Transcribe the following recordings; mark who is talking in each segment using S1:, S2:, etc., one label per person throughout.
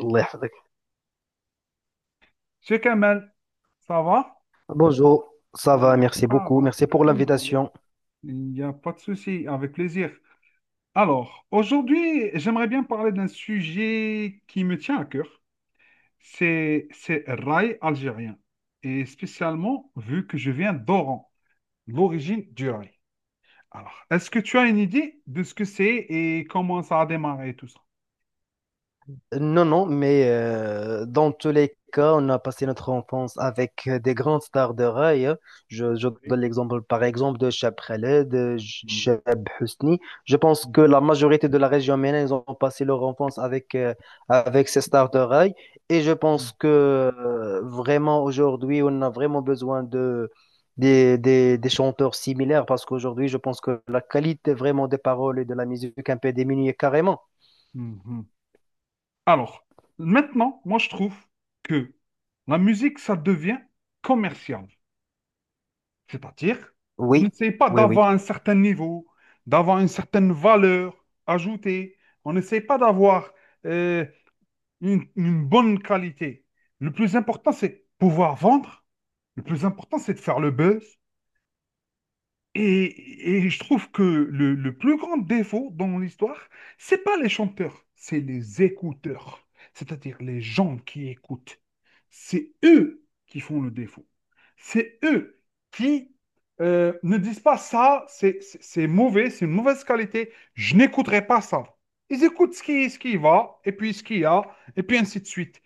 S1: Allah yahfadak.
S2: Cheikh Kamel, ça va?
S1: Bonjour, ça va,
S2: Bonjour,
S1: merci
S2: ça
S1: beaucoup.
S2: va,
S1: Merci pour
S2: Alhamdulillah.
S1: l'invitation.
S2: Il n'y a pas de souci, avec plaisir. Alors, aujourd'hui, j'aimerais bien parler d'un sujet qui me tient à cœur. C'est rail algérien. Et spécialement, vu que je viens d'Oran, l'origine du rail. Alors, est-ce que tu as une idée de ce que c'est et comment ça a démarré tout ça?
S1: Non, non, mais dans tous les cas, on a passé notre enfance avec des grandes stars de rail, hein. Je donne
S2: Oui.
S1: l'exemple, par exemple, de Cheb Khaled, de
S2: Mhm.
S1: Cheb Husni. Je pense que la majorité de la région MENA, ils ont passé leur enfance avec, avec ces stars de rail. Et je pense que vraiment, aujourd'hui, on a vraiment besoin de, des chanteurs similaires parce qu'aujourd'hui, je pense que la qualité vraiment des paroles et de la musique est un peu diminuée carrément.
S2: Mhm. Alors, maintenant, moi, je trouve que la musique, ça devient commercial. C'est-à-dire, on
S1: Oui,
S2: n'essaye pas
S1: oui, oui.
S2: d'avoir un certain niveau, d'avoir une certaine valeur ajoutée. On n'essaye pas d'avoir euh, une bonne qualité. Le plus important, c'est pouvoir vendre. Le plus important, c'est de faire le buzz. Et je trouve que le plus grand défaut dans l'histoire, c'est pas les chanteurs, c'est les écouteurs, c'est-à-dire les gens qui écoutent. C'est eux qui font le défaut. C'est eux qui ne disent pas ça, c'est mauvais, c'est une mauvaise qualité, je n'écouterai pas ça. Ils écoutent ce qui va, et puis ce qu'il y a, et puis ainsi de suite.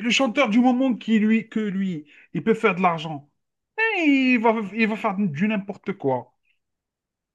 S2: Le chanteur, du moment que lui, il peut faire de l'argent, eh, il va faire du n'importe quoi.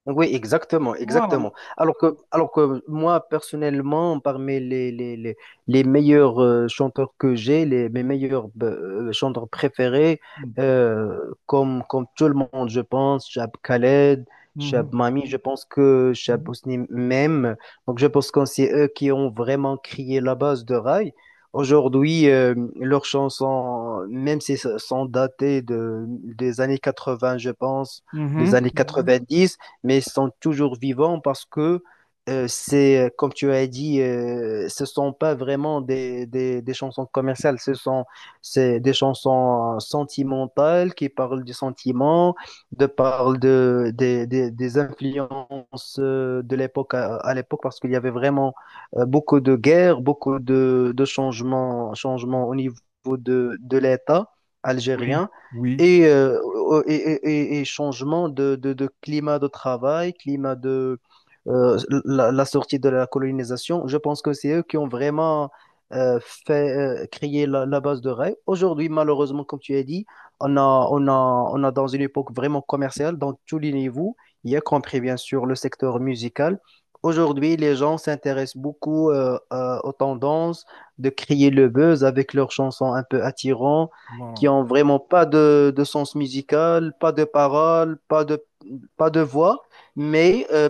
S1: Oui, exactement,
S2: Wow.
S1: exactement. Alors que,
S2: Mhm,
S1: alors que moi, personnellement, parmi les meilleurs chanteurs que j'ai, les, mes meilleurs chanteurs préférés, euh, comme, comme tout le monde, je pense, Chab Khaled,
S2: mhm,
S1: Chab
S2: mhm,
S1: Mami, je pense que Chab Ousni même. Donc, je pense que c'est eux qui ont vraiment créé la base de Rai. Aujourd'hui, leurs chansons, même si elles sont datées des années 80, je pense, les
S2: mhm,
S1: années
S2: mhm.
S1: quatre-vingt-dix, mais ils sont toujours vivants parce que c'est, comme tu as dit, ce sont pas vraiment des chansons commerciales, ce sont c'est des chansons sentimentales qui parlent du sentiment, de parlent de, des influences de l'époque à l'époque, parce qu'il y avait vraiment beaucoup de guerres, beaucoup de changements, changements au niveau de l'État
S2: Oui,
S1: algérien
S2: oui.
S1: et, et changement de climat de travail, climat de euh, la, la sortie de la colonisation. Je pense que c'est eux qui ont vraiment euh, fait créer la, la base de rêve. Aujourd'hui, malheureusement, comme tu as dit, on a, on a, on a dans une époque vraiment commerciale, dans tous les niveaux, y compris bien sûr le secteur musical. Aujourd'hui, les gens s'intéressent beaucoup aux tendances de créer le buzz avec leurs chansons un peu attirantes qui
S2: Voilà.
S1: ont vraiment pas de, de sens musical, pas de paroles, pas de, pas de voix, mais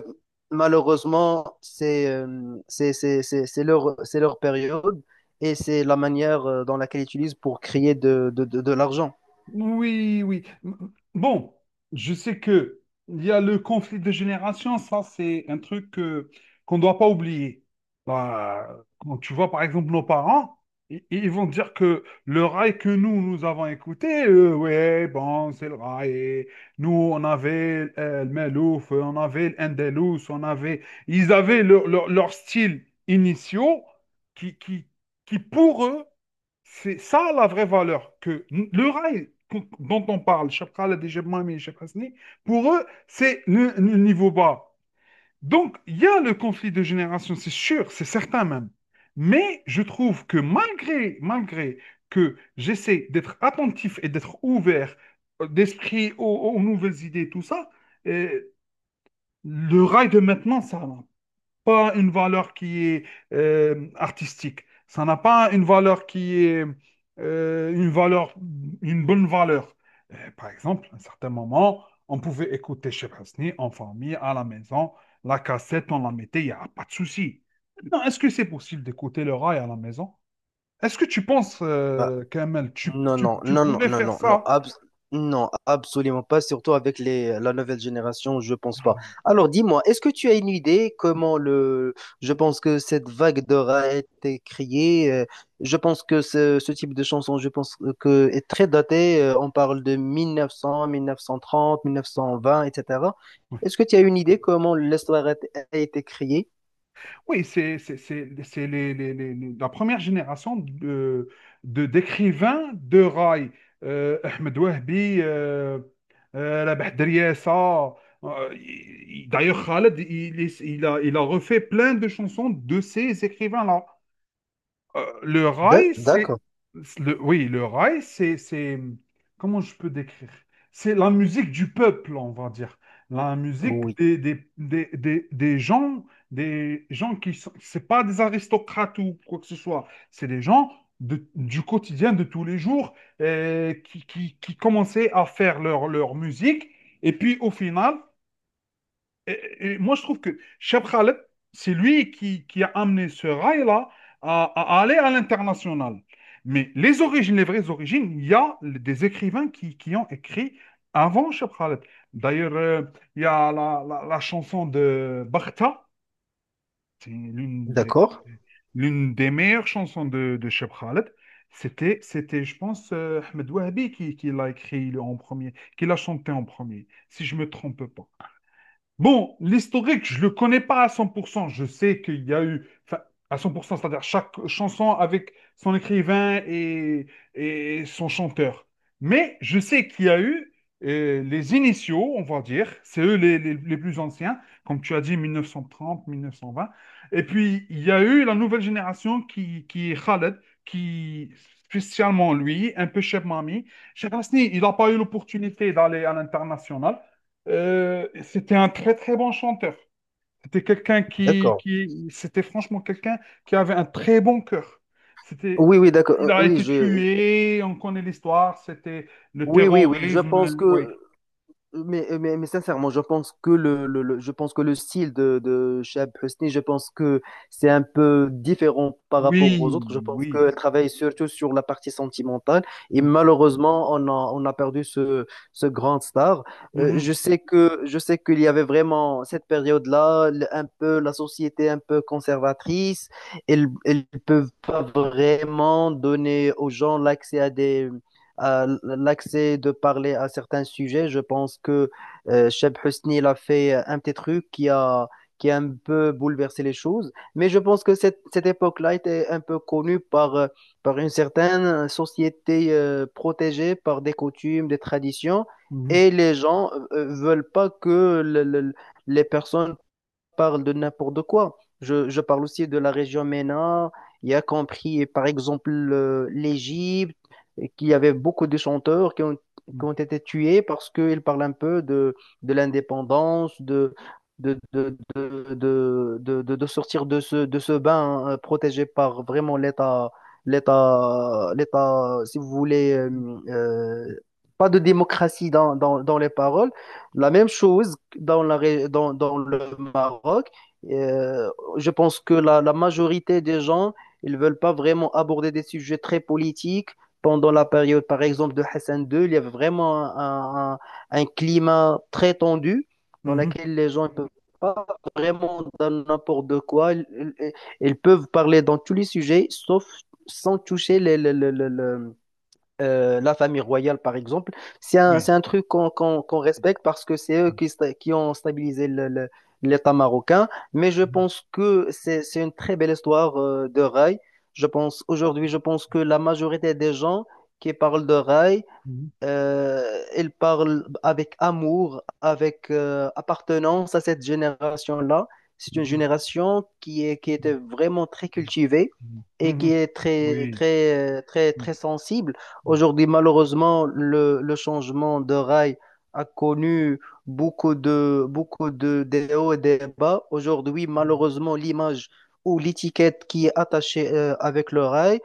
S1: malheureusement, c'est c'est leur période et c'est la manière dans laquelle ils utilisent pour créer de l'argent.
S2: Oui, oui. Bon, je sais que il y a le conflit de génération, ça c'est un truc qu'on ne doit pas oublier. Bah, quand tu vois par exemple nos parents, ils vont dire que le rail que nous, nous avons écouté, ouais, bon, c'est le rail. Et nous, on avait le Melouf, on avait le Endelous, on avait... Ils avaient leur, leur style initiaux qui, qui, qui, pour eux, c'est ça la vraie valeur. Que le rail dont on parle, Chapral, Adejemami et Cheikh Mami et Cheikh Hasni, pour eux, c'est le niveau bas. Donc, il y a le conflit de génération, c'est sûr, c'est certain même. Mais je trouve que malgré que j'essaie d'être attentif et d'être ouvert d'esprit aux nouvelles idées, tout ça, euh, le rail de maintenant, ça n'a pas une valeur qui est artistique. Ça n'a pas une valeur qui est euh, une valeur, une bonne valeur. Par exemple, à un certain moment, on pouvait écouter Cheikh Hasni en famille, à la maison, la cassette, on la mettait, il n'y a pas de souci. Maintenant, est-ce que c'est possible d'écouter le rail à la maison? Est-ce que tu penses,
S1: Bah,
S2: Kamel, tu,
S1: Non,
S2: tu,
S1: non,
S2: tu
S1: non, non,
S2: pourrais
S1: non,
S2: faire
S1: non, non,
S2: ça?
S1: non, absolument pas, surtout avec les, la nouvelle génération, je pense pas. Alors dis-moi, est-ce que tu as une idée comment je pense que cette vague d'or a été créée, je pense que ce type de chanson, je pense que est très daté, on parle de 1900, 1930, 1920, etc. Est-ce que tu as une idée comment l'histoire a, a été créée?
S2: Oui, c'est la première génération de, d'écrivains de rail. Ahmed Wahbi, la Bahdriya Essa, d'ailleurs, Khaled, il a refait plein de chansons de ces écrivains-là. Le rail,
S1: D'accord.
S2: c'est... Oui, le rail, c'est... Comment je peux décrire? C'est la musique du peuple, on va dire. La musique
S1: Oui,
S2: des gens qui sont... C'est pas des aristocrates ou quoi que ce soit. C'est des gens du quotidien, de tous les jours, qui commençaient à faire leur musique. Et puis, au final, et moi, je trouve que Cheb Khaled, c'est lui qui a amené ce rail-là à aller à l'international. Mais les origines, les vraies origines, il y a des écrivains qui ont écrit avant Cheb Khaled. D'ailleurs, il y a la chanson de Bakhta, c'est l'une
S1: d'accord,
S2: l'une des meilleures chansons de Cheb Khaled. C'était, je pense, Ahmed Wahabi qui l'a écrit en premier, qui l'a chanté en premier, si je ne me trompe pas. Bon, l'historique, je le connais pas à 100%. Je sais qu'il y a eu, enfin, à 100%, c'est-à-dire chaque chanson avec son écrivain et son chanteur. Mais je sais qu'il y a eu les initiaux, on va dire, c'est eux les plus anciens, comme tu as dit, 1930, 1920. Et puis, il y a eu la nouvelle génération qui est Khaled, qui, spécialement lui, un peu Cheb Mami. Cheb Hasni, il n'a pas eu l'opportunité d'aller à l'international. C'était un très très bon chanteur. C'était quelqu'un qui,
S1: d'accord.
S2: qui c'était franchement quelqu'un qui avait un très bon cœur. C'était,
S1: Oui, oui, d'accord.
S2: il a
S1: Oui,
S2: été
S1: je,
S2: tué, on connaît l'histoire, c'était le
S1: oui, oui, oui, je
S2: terrorisme.
S1: pense que,
S2: Ouais.
S1: mais sincèrement, je pense que je pense que le style de Shab Hosni, je pense que c'est un peu différent par rapport
S2: Oui,
S1: aux autres. Je pense
S2: oui.
S1: qu'elle travaille surtout sur la partie sentimentale et
S2: Mhm,
S1: malheureusement, on a perdu ce, ce grand star. Je
S2: mhm,
S1: sais que, je sais qu'il y avait vraiment cette période-là, un peu la société un peu conservatrice. Elles, elles peuvent pas vraiment donner aux gens l'accès à des l'accès de parler à certains sujets. Je pense que Cheb Husni il a fait un petit truc qui a un peu bouleversé les choses. Mais je pense que cette, cette époque-là était un peu connue par, par une certaine société protégée par des coutumes, des traditions.
S2: mhm,
S1: Et les gens veulent pas que les personnes parle de n'importe quoi. Je parle aussi de la région MENA, y a compris par exemple l'Égypte, et qu'il y avait beaucoup de chanteurs
S2: mhm,
S1: qui ont été tués parce qu'ils parlent un peu de l'indépendance, de sortir de ce bain protégé par vraiment l'État, l'État, si vous voulez, euh, pas de démocratie dans les paroles, la même chose dans dans le Maroc. Euh, je pense que la majorité des gens, ils veulent pas vraiment aborder des sujets très politiques. Pendant la période, par exemple, de Hassan II, il y avait vraiment un climat très tendu dans
S2: mhm,
S1: lequel les gens ne peuvent pas vraiment dans n'importe de quoi. Ils peuvent parler dans tous les sujets, sauf sans toucher la famille royale, par exemple,
S2: oui.
S1: c'est un truc qu'on respecte parce que c'est eux
S2: Mhm,
S1: qui ont stabilisé l'État marocain. Mais je pense que c'est une très belle histoire de rail. Je pense, aujourd'hui, je pense que la majorité des gens qui parlent de rail
S2: mhm,
S1: il parle avec amour, avec appartenance à cette génération-là. C'est une
S2: mhm,
S1: génération qui est, qui était vraiment très cultivée
S2: mhm,
S1: et
S2: mhm,
S1: qui
S2: mhm,
S1: est très,
S2: oui.
S1: très, très,
S2: Oui.
S1: très sensible.
S2: Mhm,
S1: Aujourd'hui, malheureusement, le changement de rail a connu beaucoup de, des hauts et des bas. Aujourd'hui, malheureusement, l'image ou l'étiquette qui est attachée avec le rail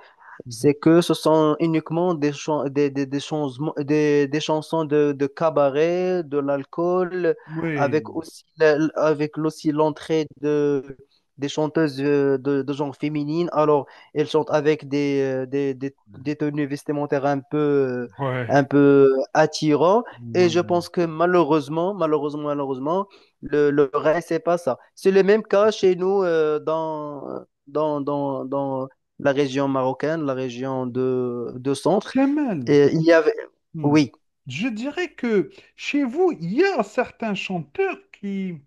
S2: mhm, mhm,
S1: c'est que ce sont uniquement des, chan- des chansons de cabaret, de l'alcool, avec
S2: oui.
S1: aussi, avec aussi l'entrée de, des chanteuses de genre féminine. Alors, elles chantent avec des, des tenues vestimentaires un
S2: Ouais.
S1: peu attirants.
S2: Ouais.
S1: Et je pense que malheureusement, le reste, c'est pas ça. C'est le même cas chez nous dans la région marocaine, la région de centre.
S2: Kamel.
S1: Et il y avait,
S2: Hmm.
S1: oui,
S2: Je dirais que chez vous, il y a certains chanteurs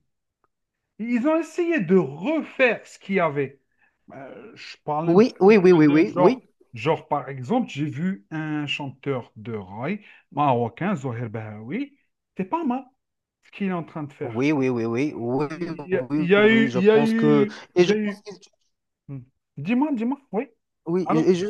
S2: ils ont essayé de refaire ce qu'il y avait. Je parle un
S1: oui,
S2: petit
S1: oui, oui,
S2: peu
S1: oui,
S2: de
S1: oui,
S2: genre.
S1: oui,
S2: Genre, par exemple, j'ai vu un chanteur de raï marocain, Zoher Bahawi. C'est pas mal ce qu'il est en train de faire.
S1: oui, oui, oui, oui, oui,
S2: Il
S1: oui,
S2: y a
S1: oui,
S2: eu,
S1: je
S2: il y a
S1: pense que,
S2: eu,
S1: et
S2: il y
S1: je
S2: a
S1: pense
S2: eu.
S1: qu'ils
S2: Hmm. Dis-moi, dis-moi, oui.
S1: oui,
S2: Alors?
S1: et je,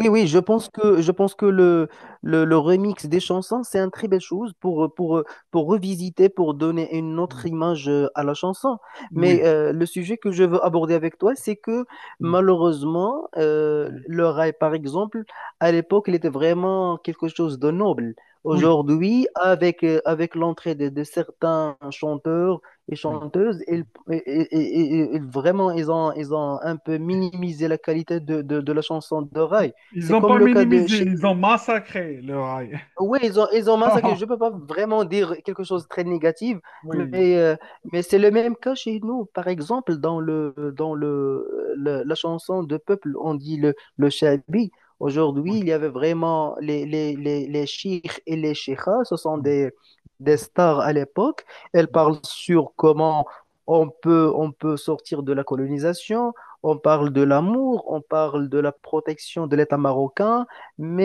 S2: Oui.
S1: oui, je pense que le remix des chansons, c'est une très belle chose pour revisiter, pour donner une autre
S2: Hmm.
S1: image à la chanson. Mais
S2: Oui.
S1: le sujet que je veux aborder avec toi, c'est que
S2: Hmm.
S1: malheureusement, le rail, par exemple, à l'époque, il était vraiment quelque chose de noble.
S2: Oui.
S1: Aujourd'hui, avec, avec l'entrée de certains chanteurs, et
S2: Oui.
S1: chanteuses,
S2: Hmm.
S1: ils, et vraiment, ils ont un peu minimisé la qualité de la chanson d'oreille.
S2: Ils
S1: C'est
S2: n'ont
S1: comme
S2: pas
S1: le cas de
S2: minimisé,
S1: chez
S2: ils ont massacré le rail.
S1: oui, ils ont massacré. Je ne peux pas vraiment dire quelque chose de très négatif, mais,
S2: Oui,
S1: euh, mais c'est le même cas chez nous. Par exemple, dans la chanson de peuple, on dit le Shabi. Aujourd'hui,
S2: oui,
S1: il y avait vraiment les chiites et les cheikhs, ce sont
S2: mm,
S1: des stars à l'époque. Elles
S2: mm,
S1: parlent sur comment on peut sortir de la colonisation, on parle de l'amour, on parle de la protection de l'État marocain,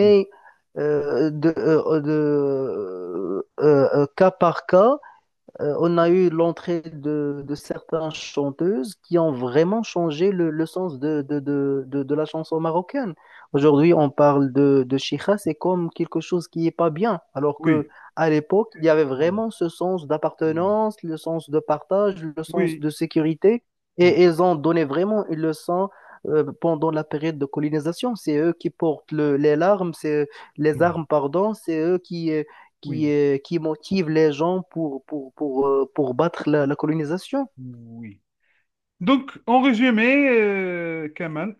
S2: oui,
S1: cas par cas, on a eu l'entrée de certaines chanteuses qui ont vraiment changé le sens de la chanson marocaine. Aujourd'hui, on parle de chicha, c'est comme quelque chose qui n'est pas bien, alors que
S2: oui,
S1: à l'époque, il y avait
S2: non,
S1: vraiment ce sens
S2: mm,
S1: d'appartenance, le sens de partage, le sens
S2: oui,
S1: de sécurité,
S2: mm,
S1: et ils ont donné vraiment une leçon pendant la période de colonisation. C'est eux qui portent les larmes, c'est les
S2: oui,
S1: armes, pardon, c'est eux
S2: oui,
S1: qui motive les gens pour battre la, la colonisation.
S2: oui. Donc, en résumé, Kamal,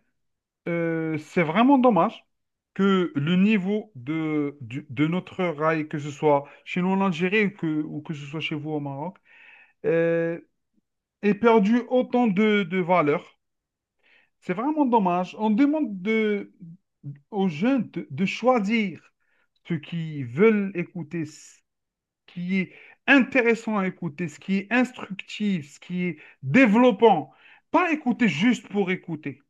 S2: c'est vraiment dommage que le niveau de notre rail, que ce soit chez nous en Algérie ou que ce soit chez vous au Maroc, euh, ait perdu autant de valeur. C'est vraiment dommage. On demande aux jeunes de choisir ce qu'ils veulent écouter, ce qui est intéressant à écouter, ce qui est instructif, ce qui est développant. Pas écouter juste pour écouter.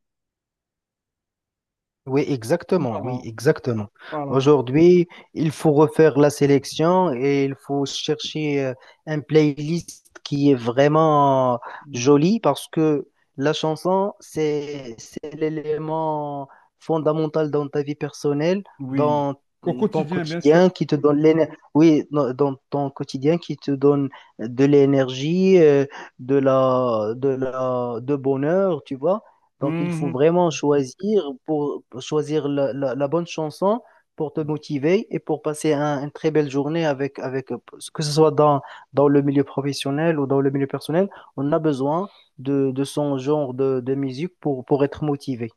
S1: Oui, exactement, oui,
S2: Voilà,
S1: exactement.
S2: voilà.
S1: Aujourd'hui, il faut refaire la sélection et il faut chercher un playlist qui est vraiment
S2: Mm.
S1: joli parce que la chanson, c'est l'élément fondamental dans ta vie personnelle,
S2: Oui.
S1: dans
S2: Au
S1: ton
S2: quotidien, bien sûr.
S1: quotidien qui te donne l'énergie, oui, dans ton quotidien qui te donne de l'énergie, de bonheur, tu vois. Donc, il faut
S2: Mhm.
S1: vraiment choisir pour choisir la, la bonne chanson pour te motiver et pour passer une très belle journée avec, avec que ce soit dans, dans le milieu professionnel ou dans le milieu personnel, on a besoin de son genre de musique pour être motivé.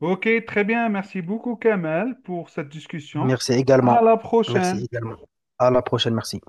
S2: Ok, très bien. Merci beaucoup, Kamel, pour cette discussion.
S1: Merci
S2: À
S1: également.
S2: la
S1: Merci
S2: prochaine.
S1: également. À la prochaine, merci.